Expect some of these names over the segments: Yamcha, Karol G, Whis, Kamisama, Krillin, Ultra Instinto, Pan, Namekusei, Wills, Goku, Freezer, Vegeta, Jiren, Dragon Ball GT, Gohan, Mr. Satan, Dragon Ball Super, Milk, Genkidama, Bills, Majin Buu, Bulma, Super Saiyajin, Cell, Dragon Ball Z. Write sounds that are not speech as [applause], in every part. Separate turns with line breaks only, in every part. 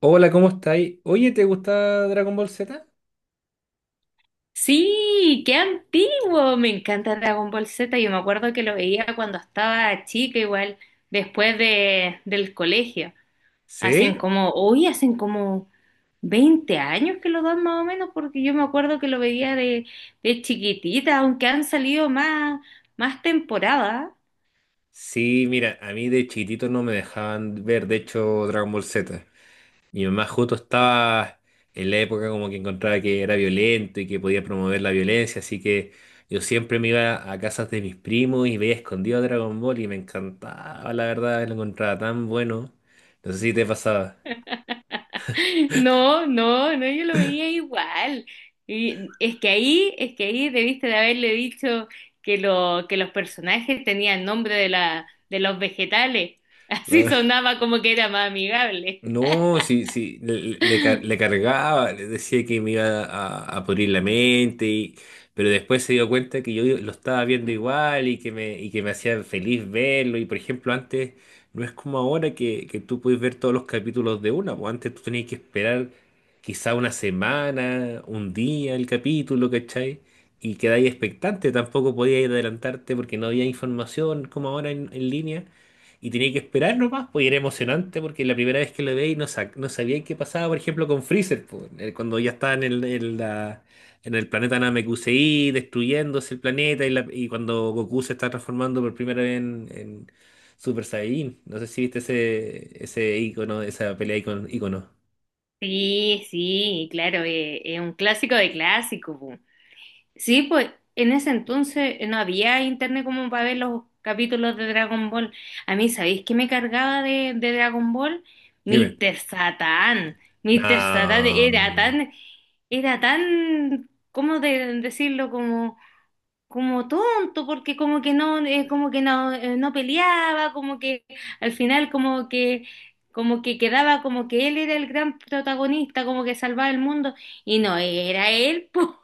Hola, ¿cómo estáis? Oye, ¿te gusta Dragon Ball Z?
Sí, qué antiguo. Me encanta Dragon Ball Z. Yo me acuerdo que lo veía cuando estaba chica, igual, después del colegio.
¿Sí?
Hoy hacen como 20 años que lo dan más o menos, porque yo me acuerdo que lo veía de chiquitita, aunque han salido más temporadas.
Sí, mira, a mí de chiquitito no me dejaban ver, de hecho, Dragon Ball Z. Mi mamá justo estaba en la época como que encontraba que era violento y que podía promover la violencia, así que yo siempre me iba a casas de mis primos y veía escondido Dragon Ball y me encantaba, la verdad, lo encontraba tan bueno. No sé si te pasaba,
No, no, no, yo lo veía igual. Es que ahí debiste de haberle dicho que los personajes tenían nombre de los vegetales. [laughs]
¿no?
Así
[laughs]
sonaba como que era más amigable.
No, sí, sí, le cargaba, le decía que me iba a pudrir la mente, pero después se dio cuenta que yo lo estaba viendo igual y que me hacía feliz verlo. Y por ejemplo, antes no es como ahora que tú puedes ver todos los capítulos de una, pues antes tú tenías que esperar quizá una semana, un día el capítulo, ¿cachai? Y quedáis expectante, tampoco podías adelantarte porque no había información como ahora en línea. Y tenía que esperar nomás, pues y era emocionante porque la primera vez que lo veía y no sabía qué pasaba, por ejemplo, con Freezer, pues, cuando ya estaba en el planeta Namekusei, destruyéndose el planeta y cuando Goku se está transformando por primera vez en Super Saiyajin. No sé si viste ese icono, esa pelea icono, icono.
Sí, sí, claro, es un clásico de clásicos, po. Sí, pues en ese entonces no había internet como para ver los capítulos de Dragon Ball. A mí, ¿sabéis qué me cargaba de Dragon Ball?
Dime.
Mr. Satan. Mr. Satan era
No.
tan era tan, ¿cómo decirlo? Como tonto, porque como que no, no peleaba, como que al final como que quedaba como que él era el gran protagonista, como que salvaba el mundo, y no era él, [laughs] po.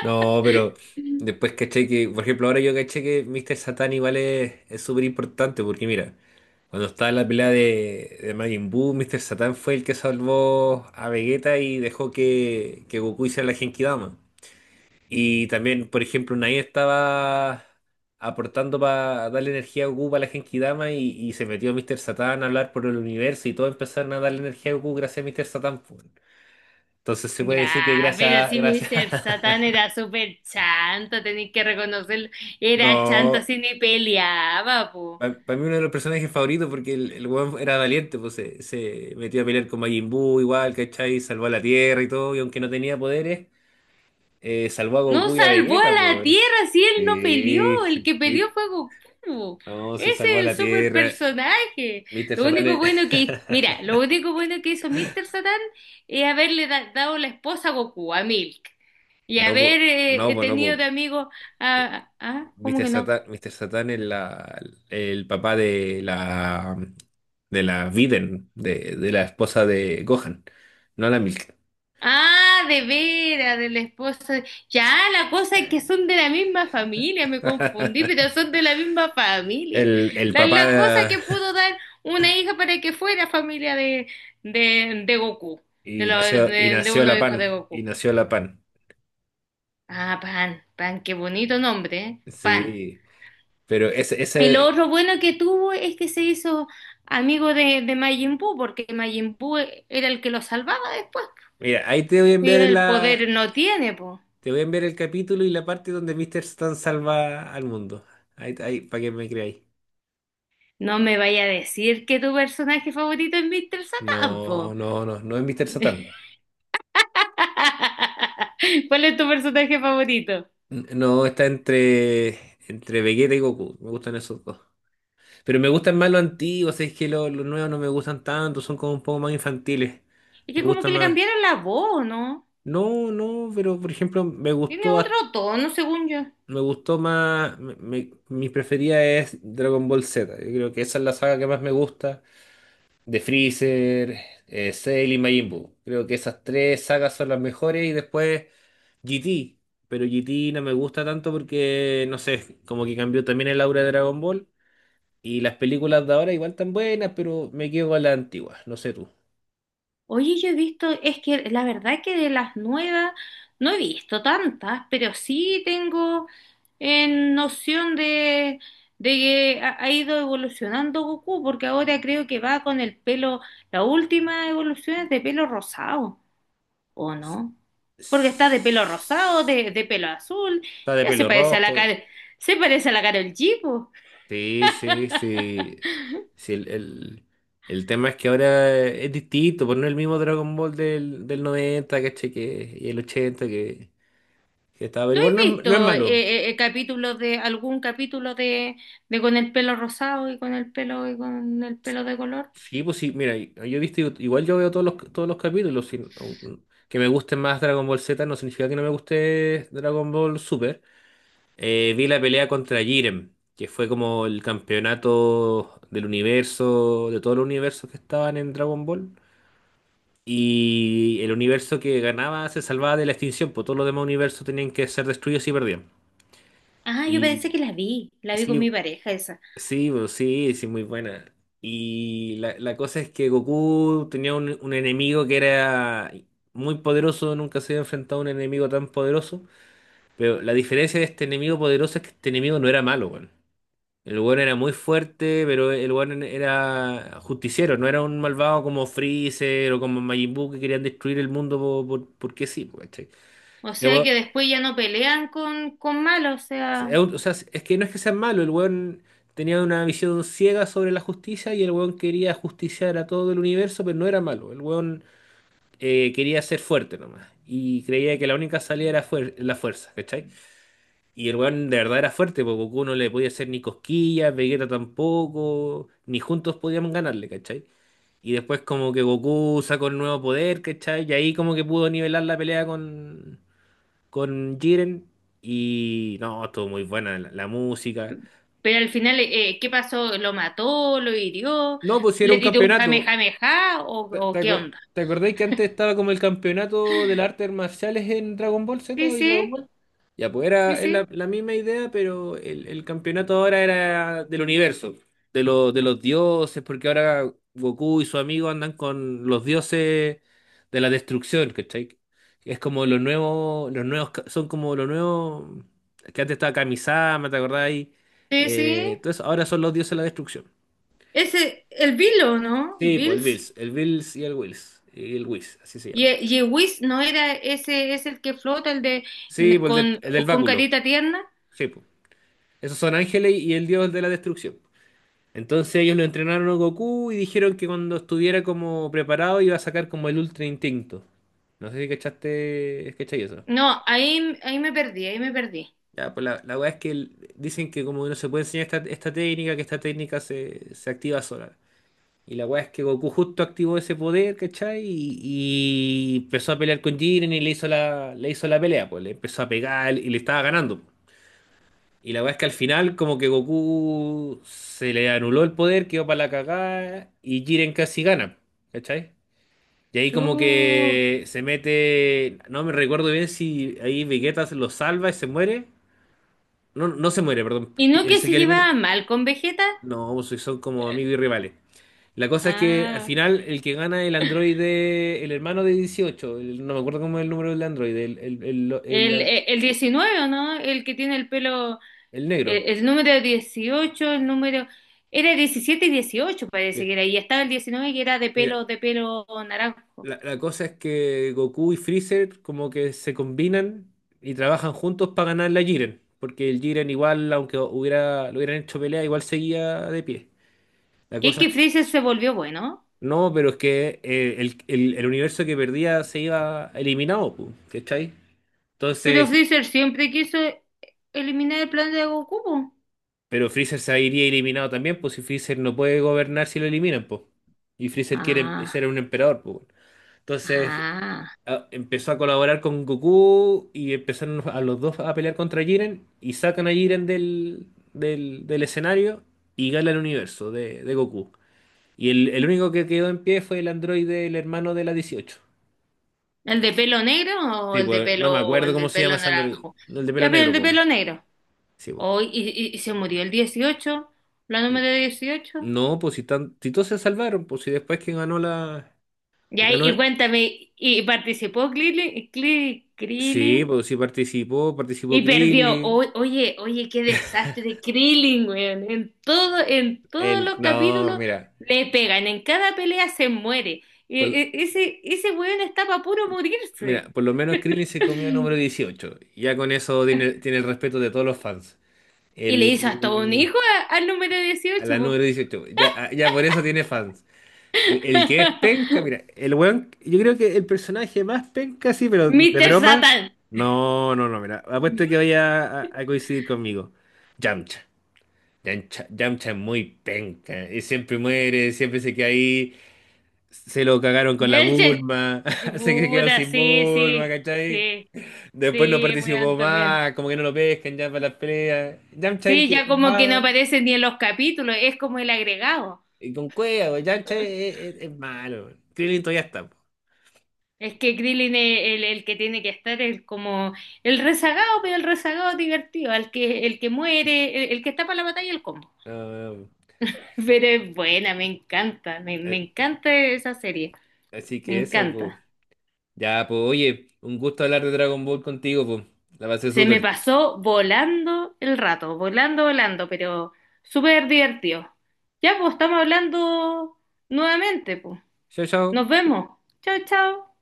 No, pero después caché que, por ejemplo, ahora yo caché que Mr. Satan igual es súper importante porque mira, cuando estaba la pelea de Majin Buu, Mr. Satan fue el que salvó a Vegeta y dejó que Goku hiciera la Genkidama. Y también, por ejemplo, Nai estaba aportando para darle energía a Goku para la Genkidama y se metió Mr. Satan a hablar por el universo y todo empezaron a darle energía a Goku gracias a Mr. Satan, pues. Entonces se puede decir que
Ya, pero
gracias,
si
gracias.
Mr. Satán era súper chanto, tenéis que reconocerlo,
[laughs]
era chanto,
No.
así ni peleaba, po.
Para mí uno de los personajes favoritos porque el weón era valiente, pues se metió a pelear con Majin Buu igual, ¿cachai? Salvó a la Tierra y todo, y aunque no tenía poderes, salvó a
No
Goku y a
salvó
Vegeta, pues,
a la
weón.
Tierra si él no peleó.
Sí,
El
sí,
que peleó
sí.
fue Goku.
No, sí salvó
Ese
a
es el
la
super
Tierra.
personaje.
Mr.
Lo
Satan
único
es-
bueno que,
[laughs]
mira, lo único bueno que hizo Mr. Satan es haberle dado la esposa a Goku, a Milk. Y
No, pues,
haber
no, pues, no,
tenido
pues.
de amigo ah, ¿cómo
Mr.
que no?
Satan, Mr. Satan es el papá de la Viden, de la esposa de Gohan, no la Milk.
Ah, de veras, de la esposa. Ya, la cosa es que son de la misma familia, me confundí, pero
[laughs]
son de la misma familia.
El, el
La,
papá
la cosa
de-
que pudo
[laughs]
dar una hija para que fuera familia de Goku, de,
y
lo- de,
nació, y
de
nació
uno
la
hijo de
pan, y
Goku.
nació la pan.
Ah, Pan, Pan, qué bonito nombre, ¿eh? Pan.
Sí, pero ese,
Y lo
ese,
otro bueno que tuvo es que se hizo amigo de Majin Buu, porque Majin Buu era el que lo salvaba después.
mira, ahí te voy a
Y
enviar
el
la,
poder no tiene, pues.
te voy a enviar el capítulo y la parte donde Mr. Satan salva al mundo. Ahí, ahí, para que me creáis.
No me vaya a decir que tu personaje favorito es Mr. Satan,
No,
po.
no, no, no es Mr.
[laughs]
Satan.
¿Cuál es tu personaje favorito?
No, está entre, entre Vegeta y Goku. Me gustan esos dos. Pero me gustan más los antiguos, es que los nuevos no me gustan tanto, son como un poco más infantiles.
Es
Me
que como
gusta
que le
más.
cambiaron la voz, ¿no?
No, no, pero por ejemplo, me
Tiene
gustó, hasta-
otro tono, según yo.
me gustó más, me- me- mi preferida es Dragon Ball Z. Yo creo que esa es la saga que más me gusta. De Freezer, Cell y Majin Buu. Creo que esas tres sagas son las mejores y después GT. Pero GT no me gusta tanto porque, no sé, como que cambió también el aura de Dragon Ball. Y las películas de ahora igual tan buenas, pero me quedo con las antiguas, no sé tú.
Oye, yo he visto, es que la verdad es que de las nuevas no he visto tantas, pero sí tengo en noción de que ha ido evolucionando Goku, porque ahora creo que va con el pelo, la última evolución es de pelo rosado. ¿O no? Porque está de pelo rosado, de pelo azul,
Está de
ya se
pelo
parece a
rojo.
la cara, se parece a la Karol G, po.
Sí, sí, sí. Sí, el tema es que ahora es distinto, pues no es el mismo Dragon Ball del 90, ¿cachai? Que, y el 80 que estaba. Pero
¿Tú has
igual no es
visto
malo.
capítulos de algún capítulo de con el pelo rosado y con el pelo y con el pelo de color?
Sí, pues sí, mira, yo he visto, igual yo veo todos los capítulos. Sin- aun- que me guste más Dragon Ball Z no significa que no me guste Dragon Ball Super. Vi la pelea contra Jiren, que fue como el campeonato del universo, de todos los universos que estaban en Dragon Ball. Y el universo que ganaba se salvaba de la extinción, pues todos los demás universos tenían que ser destruidos y perdían.
Ah, yo parece
Y
que la vi con
sí,
mi pareja esa.
sí, pues, sí, sí, muy buena. Y la cosa es que Goku tenía un enemigo que era muy poderoso, nunca se había enfrentado a un enemigo tan poderoso. Pero la diferencia de este enemigo poderoso es que este enemigo no era malo, weón. El weón era muy fuerte, pero el weón era justiciero, no era un malvado como Freezer o como Majin Buu que querían destruir el mundo po- por- porque sí, po, ¿cachai?
O
Este
sea
weón-
que después ya no pelean con malo, o
es
sea,
un- o sea, es que no es que sea malo, el weón tenía una visión ciega sobre la justicia y el weón quería justiciar a todo el universo, pero no era malo, el weón quería ser fuerte nomás y creía que la única salida era fuer- la fuerza, ¿cachai? Y el weón de verdad era fuerte, porque Goku no le podía hacer ni cosquillas, Vegeta tampoco, ni juntos podíamos ganarle, ¿cachai? Y después como que Goku sacó el nuevo poder, ¿cachai? Y ahí como que pudo nivelar la pelea con Jiren. Y no, estuvo muy buena la, la música.
pero al final, ¿qué pasó? ¿Lo mató? ¿Lo hirió?
No, pues sí, era
¿Le
un
tiró un jame
campeonato.
jame ja? ¿O,
¿Te, te
o qué
acor-
onda?
te acordáis que antes estaba como el campeonato de las artes marciales en Dragon Ball Z
Sí,
y Dragon
sí,
Ball? Ya, pues
sí,
era, es la,
sí.
la misma idea, pero el campeonato ahora era del universo, de los dioses, porque ahora Goku y su amigo andan con los dioses de la destrucción, ¿cachai? Es como los nuevos, ca- son como los nuevos, que antes estaba Kamisama, ¿te acordáis?
Sí, sí.
Entonces ahora son los dioses de la destrucción.
Ese, el Bill o ¿no?
Sí, pues el
Bills.
Bills, el Bills y el Wills, y el Whis, así se
Y,
llama.
y Whis, ¿no era ese, es el que flota, el de
Sí, pues el del,
con,
el del
con
báculo,
carita tierna?
sí, pues. Esos son ángeles y el dios de la destrucción. Entonces ellos lo entrenaron a Goku y dijeron que cuando estuviera como preparado iba a sacar como el Ultra Instinto. No sé si cachaste, cachai eso.
No, ahí, ahí me perdí, ahí me perdí.
Ya, pues la weá es que dicen que como no se puede enseñar esta técnica, que esta técnica se activa sola. Y la weá es que Goku justo activó ese poder, ¿cachai? Y empezó a pelear con Jiren y le hizo la pelea, pues le empezó a pegar y le estaba ganando. Y la weá es que al final como que Goku se le anuló el poder, quedó para la cagada y Jiren casi gana, ¿cachai? Y ahí como
Chu.
que se mete, no me recuerdo bien si ahí Vegeta se lo salva y se muere. No, no se muere, perdón.
¿Y no que
Se
se
queda eliminado.
llevaba mal con Vegeta?
No, pues son como amigos y rivales. La cosa es que al
Ah,
final el que gana es el androide, el hermano de 18 no me acuerdo cómo es el número del androide, el, el, el, el
el,
an-
el, el 19, ¿o no? El que tiene el pelo,
el
el,
negro.
el número dieciocho, el número... Era 17 y 18 parece que
Sí.
era, y estaba el 19 que era
Mira,
de pelo naranjo.
la cosa es que Goku y Freezer como que se combinan y trabajan juntos para ganar la Jiren, porque el Jiren igual, aunque hubiera, lo hubieran hecho pelea, igual seguía de pie. La
Que
cosa es,
que Freezer se volvió bueno.
no, pero es que el universo que perdía se iba eliminado, pu, ¿cachai?
Pero
Entonces,
Freezer siempre quiso eliminar el plan de Goku, po.
pero Freezer se iría eliminado también, pues si Freezer no puede gobernar si lo eliminan, pues. Y Freezer quiere em- ser
Ah,
un emperador, pues, bueno. Entonces
ah.
a- empezó a colaborar con Goku y empezaron a los dos a pelear contra Jiren y sacan a Jiren del escenario y gana el universo de Goku. Y el único que quedó en pie fue el androide, el hermano de la 18.
¿El de pelo negro o
Sí,
el de
pues no me
pelo,
acuerdo
el
cómo
del
se llama
pelo
ese androide.
naranjo?
No, el de pelo
Ya, pero el
negro,
de
pues.
pelo negro.
Sí, pues.
Oh, y se murió el dieciocho, la número dieciocho.
No, pues si, tan, si todos se salvaron, pues si después que ganó la...
Ya,
Ganó.
y cuéntame, ¿y participó Krillin?
Sí,
¿Krillin?
pues sí participó, participó
Y perdió.
Krillin.
Oye, oye, qué desastre de Krillin, weón. En todos
El,
los
no,
capítulos
mira,
le pegan, en cada pelea se muere. E-
por,
e- ese, ese weón está para puro
mira,
morirse.
por lo menos Krillin se comió el número
[laughs]
18. Ya con eso tiene, el respeto de todos los fans.
Y le hizo hasta un
El,
hijo al número
a
dieciocho,
la
po.
número 18, ya, ah, ya por eso tiene fans. El que es penca,
[laughs]
mira, el weón, yo creo que el personaje más penca, sí, pero de
Mr.
broma,
Satan.
no, no, no, mira, apuesto que vaya a coincidir conmigo. Yamcha. Yamcha, Yamcha es muy penca, y siempre muere, siempre se queda ahí. Se lo cagaron con
Y
la
él se-
Bulma, [laughs] quedó
Puta,
sin
sí,
Bulma,
sí,
¿cachai?
sí,
Después no
sí, weón,
participó
también.
más, como que no lo pescan ya para las peleas. Yamcha es el
Sí,
que es
ya como que no
más.
aparece ni en los capítulos, es como el agregado.
Y con cueva, güey, Yamcha es malo. Krillin todavía está, po.
Es que Krillin es el que tiene que estar, es como el rezagado, pero el rezagado divertido, el que muere, el que está para la batalla, el combo.
No, no, no.
[laughs] Pero es buena, me encanta, me
eh,
encanta esa serie,
Así
me
que eso, pues.
encanta.
Ya, pues, oye, un gusto hablar de Dragon Ball contigo, pues. La pasé
Se me
súper.
pasó volando el rato, volando, volando, pero súper divertido. Ya, pues estamos hablando nuevamente, pues.
Chao,
Nos
chao.
vemos. Chao, chao.